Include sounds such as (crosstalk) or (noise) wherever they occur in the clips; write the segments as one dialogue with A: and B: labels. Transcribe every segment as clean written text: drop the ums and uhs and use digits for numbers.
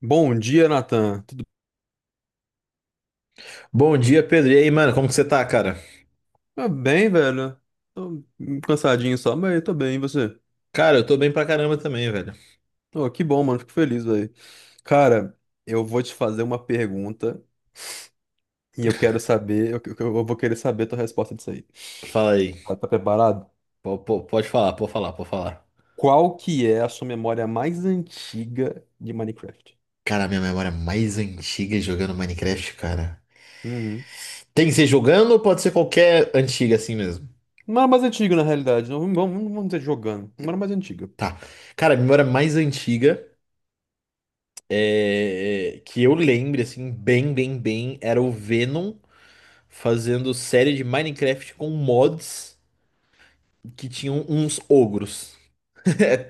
A: Bom dia, Nathan. Tudo
B: Bom dia, Pedro. E aí, mano, como que você tá, cara?
A: tá bem, velho? Tô um cansadinho só, mas tô bem, e você?
B: Cara, eu tô bem pra caramba também, velho.
A: Oh, que bom, mano. Fico feliz, velho. Cara, eu vou te fazer uma pergunta e eu quero saber, eu vou querer saber a tua resposta disso aí.
B: Fala aí.
A: Tá, tá preparado?
B: Pode falar, pode falar, pode falar.
A: Qual que é a sua memória mais antiga de Minecraft?
B: Cara, a minha memória é mais antiga é jogando Minecraft, cara.
A: Uhum.
B: Tem que ser jogando ou pode ser qualquer antiga assim mesmo?
A: Não era mais antiga, na realidade. Não, vamos dizer jogando. Não era mais antiga.
B: Tá. Cara, a memória mais antiga é... que eu lembro, assim, bem, bem, bem, era o Venom fazendo série de Minecraft com mods que tinham uns ogros.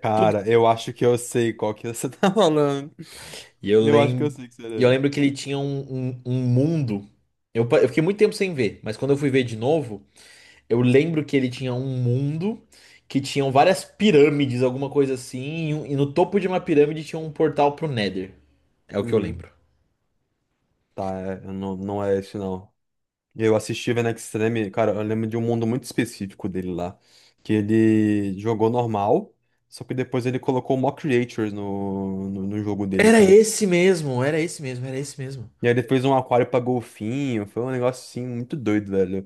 A: Cara, eu acho que eu sei qual que você (laughs) tá falando.
B: E eu
A: Eu acho que eu
B: lembro,
A: sei que será
B: e eu lembro
A: essa.
B: que ele tinha um mundo. Eu fiquei muito tempo sem ver, mas quando eu fui ver de novo, eu lembro que ele tinha um mundo que tinham várias pirâmides, alguma coisa assim, e, e no topo de uma pirâmide tinha um portal pro Nether. É o que eu
A: Uhum.
B: lembro.
A: Tá, eu não, não é esse não. Eu assisti o Extreme, cara, eu lembro de um mundo muito específico dele lá. Que ele jogou normal, só que depois ele colocou mock creatures no jogo dele,
B: Era
A: cara.
B: esse mesmo, era esse mesmo, era esse mesmo.
A: E aí ele fez um aquário pra golfinho, foi um negócio assim muito doido, velho.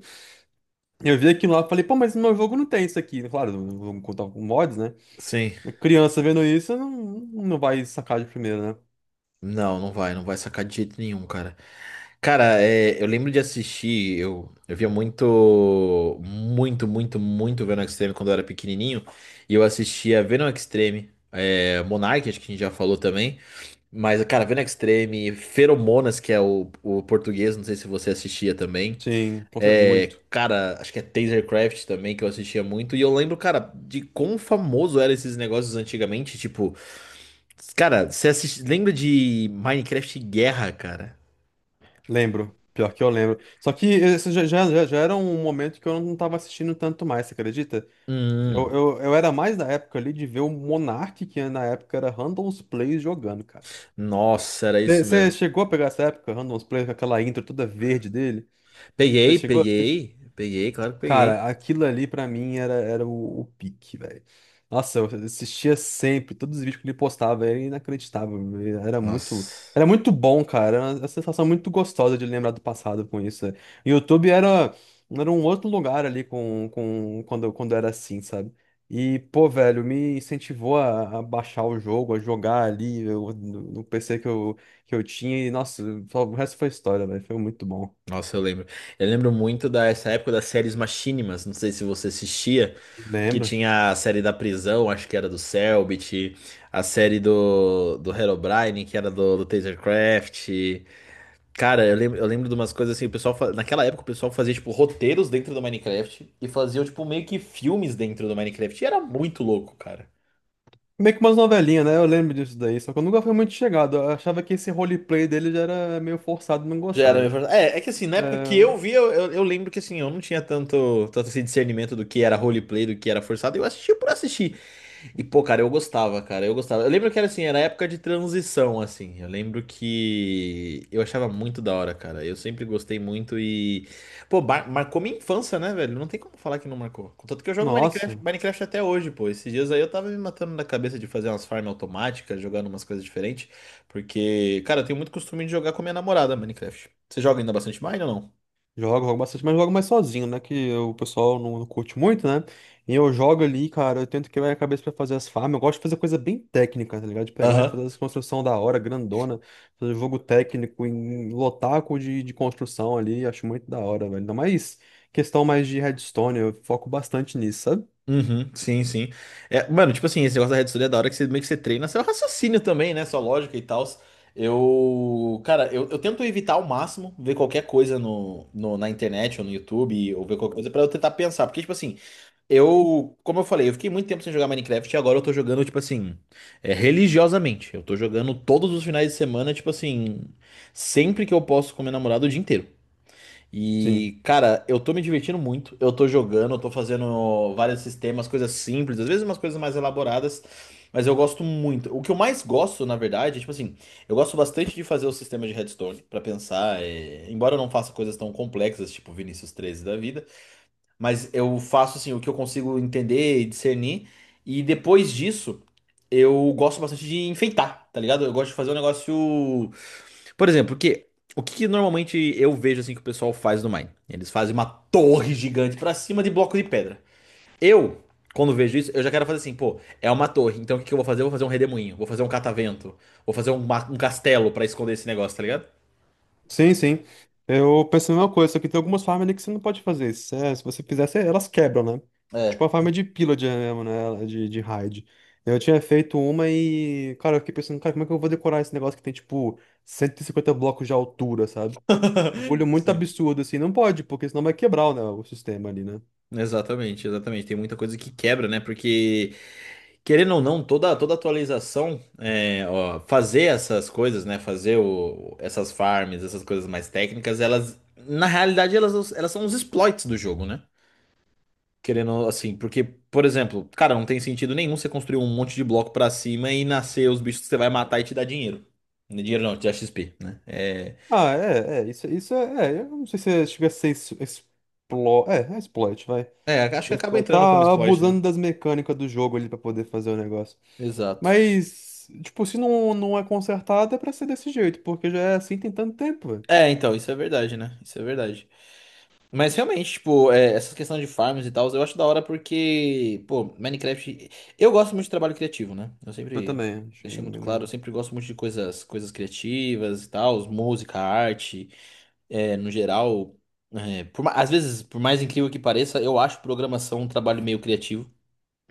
A: Eu vi aquilo lá e falei, pô, mas no meu jogo não tem isso aqui. Claro, vamos contar com mods, né?
B: Sim.
A: Criança vendo isso, não não vai sacar de primeira, né?
B: Não, não vai, não vai sacar de jeito nenhum, cara. Cara, é, eu lembro de assistir, eu via muito, muito, muito, muito Venom Extreme quando eu era pequenininho, e eu assistia Venom Extreme, é, Monarch, acho que a gente já falou também, mas, cara, Venom Extreme, Feromonas, que é o português, não sei se você assistia também,
A: Sim,
B: é,
A: muito.
B: cara, acho que é Tasercraft também, que eu assistia muito, e eu lembro, cara, de quão famoso eram esses negócios antigamente, tipo... Cara, você assiste... lembra de Minecraft Guerra, cara?
A: Lembro. Pior que eu lembro. Só que esse já era um momento que eu não tava assistindo tanto mais, você acredita? Eu,
B: Hum,
A: eu, eu era mais da época ali de ver o Monark, que na época era Random's Plays jogando, cara.
B: nossa, era isso
A: Você
B: mesmo.
A: chegou a pegar essa época, Random's Plays, com aquela intro toda verde dele? Você
B: Peguei,
A: chegou a isso?
B: peguei, peguei, claro que peguei.
A: Cara, aquilo ali pra mim era o pique, velho. Nossa, eu assistia sempre, todos os vídeos que ele postava, era inacreditável. Era muito,
B: Nossa,
A: era muito bom, cara. Era uma sensação muito gostosa de lembrar do passado com isso, né? E o YouTube era um outro lugar ali quando era assim, sabe? E, pô, velho, me incentivou a baixar o jogo, a jogar ali no PC que eu tinha. E, nossa, o resto foi história, velho. Foi muito bom.
B: nossa, eu lembro. Eu lembro muito dessa época das séries Machinimas, não sei se você assistia, que
A: Lembro.
B: tinha a série da prisão, acho que era do Cellbit, a série do Herobrine, que era do Tasercraft. Cara, eu lembro de umas coisas assim, o pessoal, naquela época o pessoal fazia tipo roteiros dentro do Minecraft e faziam tipo meio que filmes dentro do Minecraft. E era muito louco, cara.
A: Meio que umas novelinhas, né? Eu lembro disso daí, só que eu nunca fui muito chegado. Eu achava que esse roleplay dele já era meio forçado, não
B: Já era,
A: gostava.
B: é, que assim, na época que eu
A: É,
B: vi, eu lembro que assim, eu não tinha tanto esse discernimento do que era roleplay, do que era forçado. Eu assistia por assistir. E, pô, cara, eu gostava, cara, eu gostava. Eu lembro que era assim, era época de transição, assim. Eu lembro que eu achava muito da hora, cara. Eu sempre gostei muito e. Pô, marcou minha infância, né, velho? Não tem como falar que não marcou. Contanto que eu jogo Minecraft,
A: nossa,
B: Minecraft até hoje, pô. Esses dias aí eu tava me matando na cabeça de fazer umas farms automáticas, jogando umas coisas diferentes. Porque, cara, eu tenho muito costume de jogar com a minha namorada Minecraft. Você joga ainda bastante Mine ou não?
A: jogo bastante, mas jogo mais sozinho, né? Que o pessoal não curte muito, né? E eu jogo ali, cara, eu tento quebrar a cabeça pra fazer as farms. Eu gosto de fazer coisa bem técnica, tá ligado? De pegar e
B: Aham.
A: fazer as construções da hora, grandona, fazer jogo técnico em lotaco de construção ali, acho muito da hora, velho. Ainda mais questão mais de redstone, eu foco bastante nisso, sabe?
B: Uhum, sim, sim. É, mano, tipo assim, esse negócio da rede social é da hora que você meio que você treina seu raciocínio também, né? Sua lógica e tal. Eu, cara, eu tento evitar ao máximo ver qualquer coisa no, na internet ou no YouTube ou ver qualquer coisa pra eu tentar pensar. Porque, tipo assim, eu, como eu falei, eu fiquei muito tempo sem jogar Minecraft e agora eu tô jogando, tipo assim, é, religiosamente. Eu tô jogando todos os finais de semana, tipo assim, sempre que eu posso com minha namorada o dia inteiro.
A: Sim.
B: E, cara, eu tô me divertindo muito. Eu tô jogando, eu tô fazendo vários sistemas, coisas simples, às vezes umas coisas mais elaboradas, mas eu gosto muito. O que eu mais gosto, na verdade, é, tipo assim, eu gosto bastante de fazer o sistema de Redstone pra pensar, é, embora eu não faça coisas tão complexas, tipo Vinícius treze da vida, mas eu faço assim o que eu consigo entender e discernir. E depois disso, eu gosto bastante de enfeitar, tá ligado? Eu gosto de fazer um negócio por exemplo, porque o que que normalmente eu vejo assim que o pessoal faz no Mine? Eles fazem uma torre gigante pra cima de bloco de pedra. Eu, quando vejo isso, eu já quero fazer assim, pô, é uma torre, então o que que eu vou fazer? Eu vou fazer um redemoinho, vou fazer um catavento, vou fazer um, um castelo pra esconder esse negócio, tá ligado?
A: Sim, sim. Eu pensei na mesma coisa, só que tem algumas farms ali que você não pode fazer isso. É, se você fizer, elas quebram, né?
B: É.
A: Tipo a farm de pillager mesmo, né? De raid. Eu tinha feito uma e, cara, eu fiquei pensando, cara, como é que eu vou decorar esse negócio que tem, tipo, 150 blocos de altura, sabe? Um bagulho
B: (laughs)
A: muito
B: Sim.
A: absurdo, assim. Não pode, porque senão vai quebrar, né, o sistema ali, né?
B: Exatamente, exatamente. Tem muita coisa que quebra, né? Porque querendo ou não, toda atualização, é, ó, fazer essas coisas, né? Fazer essas farms, essas coisas mais técnicas, na realidade, elas são os exploits do jogo, né? Querendo, assim, porque, por exemplo, cara, não tem sentido nenhum você construir um monte de bloco pra cima e nascer os bichos que você vai matar e te dar dinheiro. Dinheiro não, te dá XP, né?
A: Ah, é, é. Isso é, é. Eu não sei se chega a ser exploit. É, é exploit, vai.
B: É, acho que
A: Mas
B: acaba
A: pô,
B: entrando como
A: tá
B: exploit, né?
A: abusando das mecânicas do jogo ali pra poder fazer o negócio.
B: Exato.
A: Mas, tipo, se não é consertado, é pra ser desse jeito, porque já é assim tem tanto tempo, velho.
B: É, então, isso é verdade, né? Isso é verdade. Mas realmente, tipo, é, essa questão de farms e tal, eu acho da hora porque, pô, Minecraft. Eu gosto muito de trabalho criativo, né? Eu
A: Eu
B: sempre
A: também, achei
B: deixei muito
A: bem
B: claro, eu
A: legal.
B: sempre gosto muito de coisas, coisas criativas e tal, música, arte, é, no geral. É, por às vezes, por mais incrível que pareça, eu acho programação um trabalho meio criativo.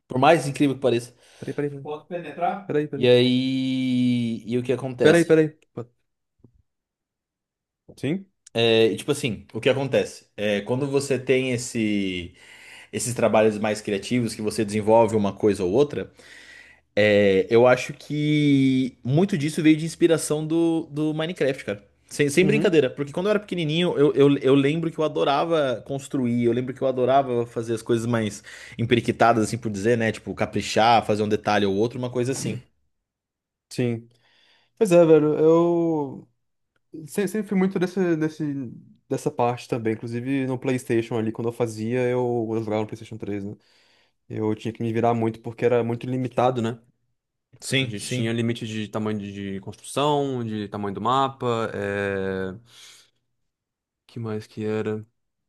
B: Por mais incrível que pareça.
A: Peraí, peraí, peraí. Posso penetrar? Peraí,
B: E
A: peraí.
B: aí. E o que
A: Peraí,
B: acontece?
A: peraí. Pô, sim?
B: É, e tipo assim, o que acontece? É, quando você tem esse. Esses trabalhos mais criativos que você desenvolve uma coisa ou outra, é, eu acho que muito disso veio de inspiração do Minecraft, cara. Sem
A: Uhum.
B: brincadeira, porque quando eu era pequenininho, eu lembro que eu adorava construir, eu lembro que eu adorava fazer as coisas mais emperiquitadas, assim por dizer, né? Tipo, caprichar, fazer um detalhe ou outro, uma coisa assim.
A: Sim. Pois é, velho, eu se- sempre fui muito dessa parte também. Inclusive no PlayStation ali, quando eu fazia, eu jogava no PlayStation 3, né? Eu tinha que me virar muito porque era muito limitado, né? A
B: Sim,
A: gente tinha
B: sim.
A: limite de tamanho de construção, de tamanho do mapa, que mais que era?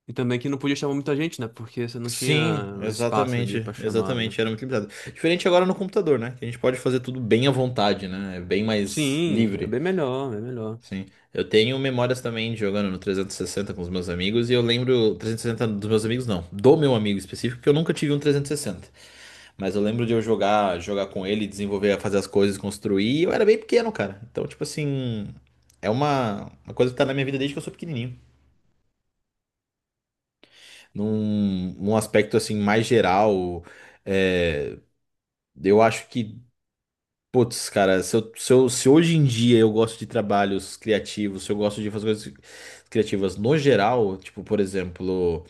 A: E também que não podia chamar muita gente, né? Porque você não tinha
B: Sim,
A: espaço
B: exatamente,
A: ali pra chamar, né?
B: exatamente, era muito limitado. Diferente agora no computador, né? Que a gente pode fazer tudo bem à vontade, né? É bem mais
A: Sim, é
B: livre.
A: bem melhor, é melhor.
B: Sim. Eu tenho memórias também de jogando no 360 com os meus amigos, e eu lembro. 360 dos meus amigos, não. Do meu amigo específico, porque eu nunca tive um 360. Mas eu lembro de eu jogar, jogar com ele, desenvolver, fazer as coisas, construir. E eu era bem pequeno, cara. Então, tipo assim. É uma coisa que tá na minha vida desde que eu sou pequenininho. Num aspecto, assim, mais geral. É, eu acho que. Putz, cara, se hoje em dia eu gosto de trabalhos criativos, se eu gosto de fazer coisas criativas no geral, tipo, por exemplo,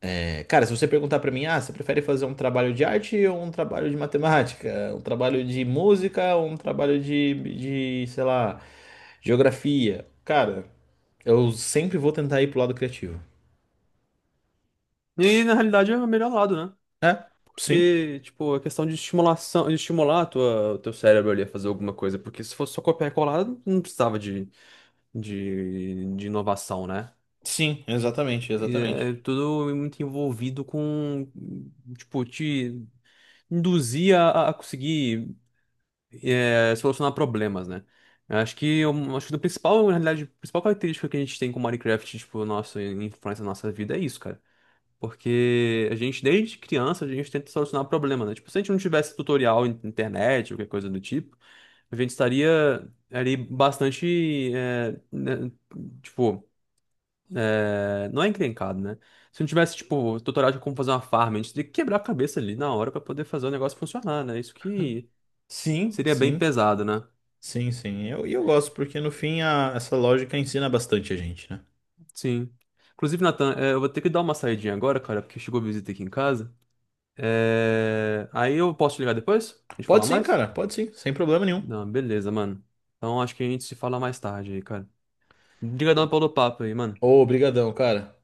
B: é, cara, se você perguntar pra mim, ah, você prefere fazer um trabalho de arte ou um trabalho de matemática, um trabalho de música ou um trabalho de, sei lá, geografia? Cara, eu sempre vou tentar ir pro lado criativo.
A: E na realidade é o melhor lado, né?
B: É, sim,
A: Porque, tipo, é questão de estimulação, de estimular o teu cérebro ali a fazer alguma coisa. Porque se fosse só copiar e colar, não precisava de inovação, né?
B: sim, exatamente,
A: E
B: exatamente.
A: é tudo muito envolvido com, tipo, te induzir a conseguir solucionar problemas, né? Eu acho que do principal, na realidade, a principal característica que a gente tem com Minecraft, tipo, nossa influência na nossa vida é isso, cara. Porque a gente, desde criança, a gente tenta solucionar problema, né? Tipo, se a gente não tivesse tutorial na internet, ou qualquer coisa do tipo, a gente estaria ali bastante, né, tipo, não é encrencado, né? Se não tivesse, tipo, tutorial de como fazer uma farm, a gente teria que quebrar a cabeça ali na hora pra poder fazer o negócio funcionar, né? Isso que
B: Sim,
A: seria bem
B: sim,
A: pesado, né?
B: sim, sim. E eu, gosto, porque no fim essa lógica ensina bastante a gente, né?
A: Sim. Inclusive, Nathan, eu vou ter que dar uma saidinha agora, cara, porque chegou visita aqui em casa. Aí eu posso te ligar depois? A gente fala
B: Pode sim,
A: mais?
B: cara, pode sim, sem problema nenhum.
A: Não, beleza, mano. Então acho que a gente se fala mais tarde aí, cara. Obrigadão
B: Bom,
A: pelo papo aí, mano.
B: ô, obrigadão, cara.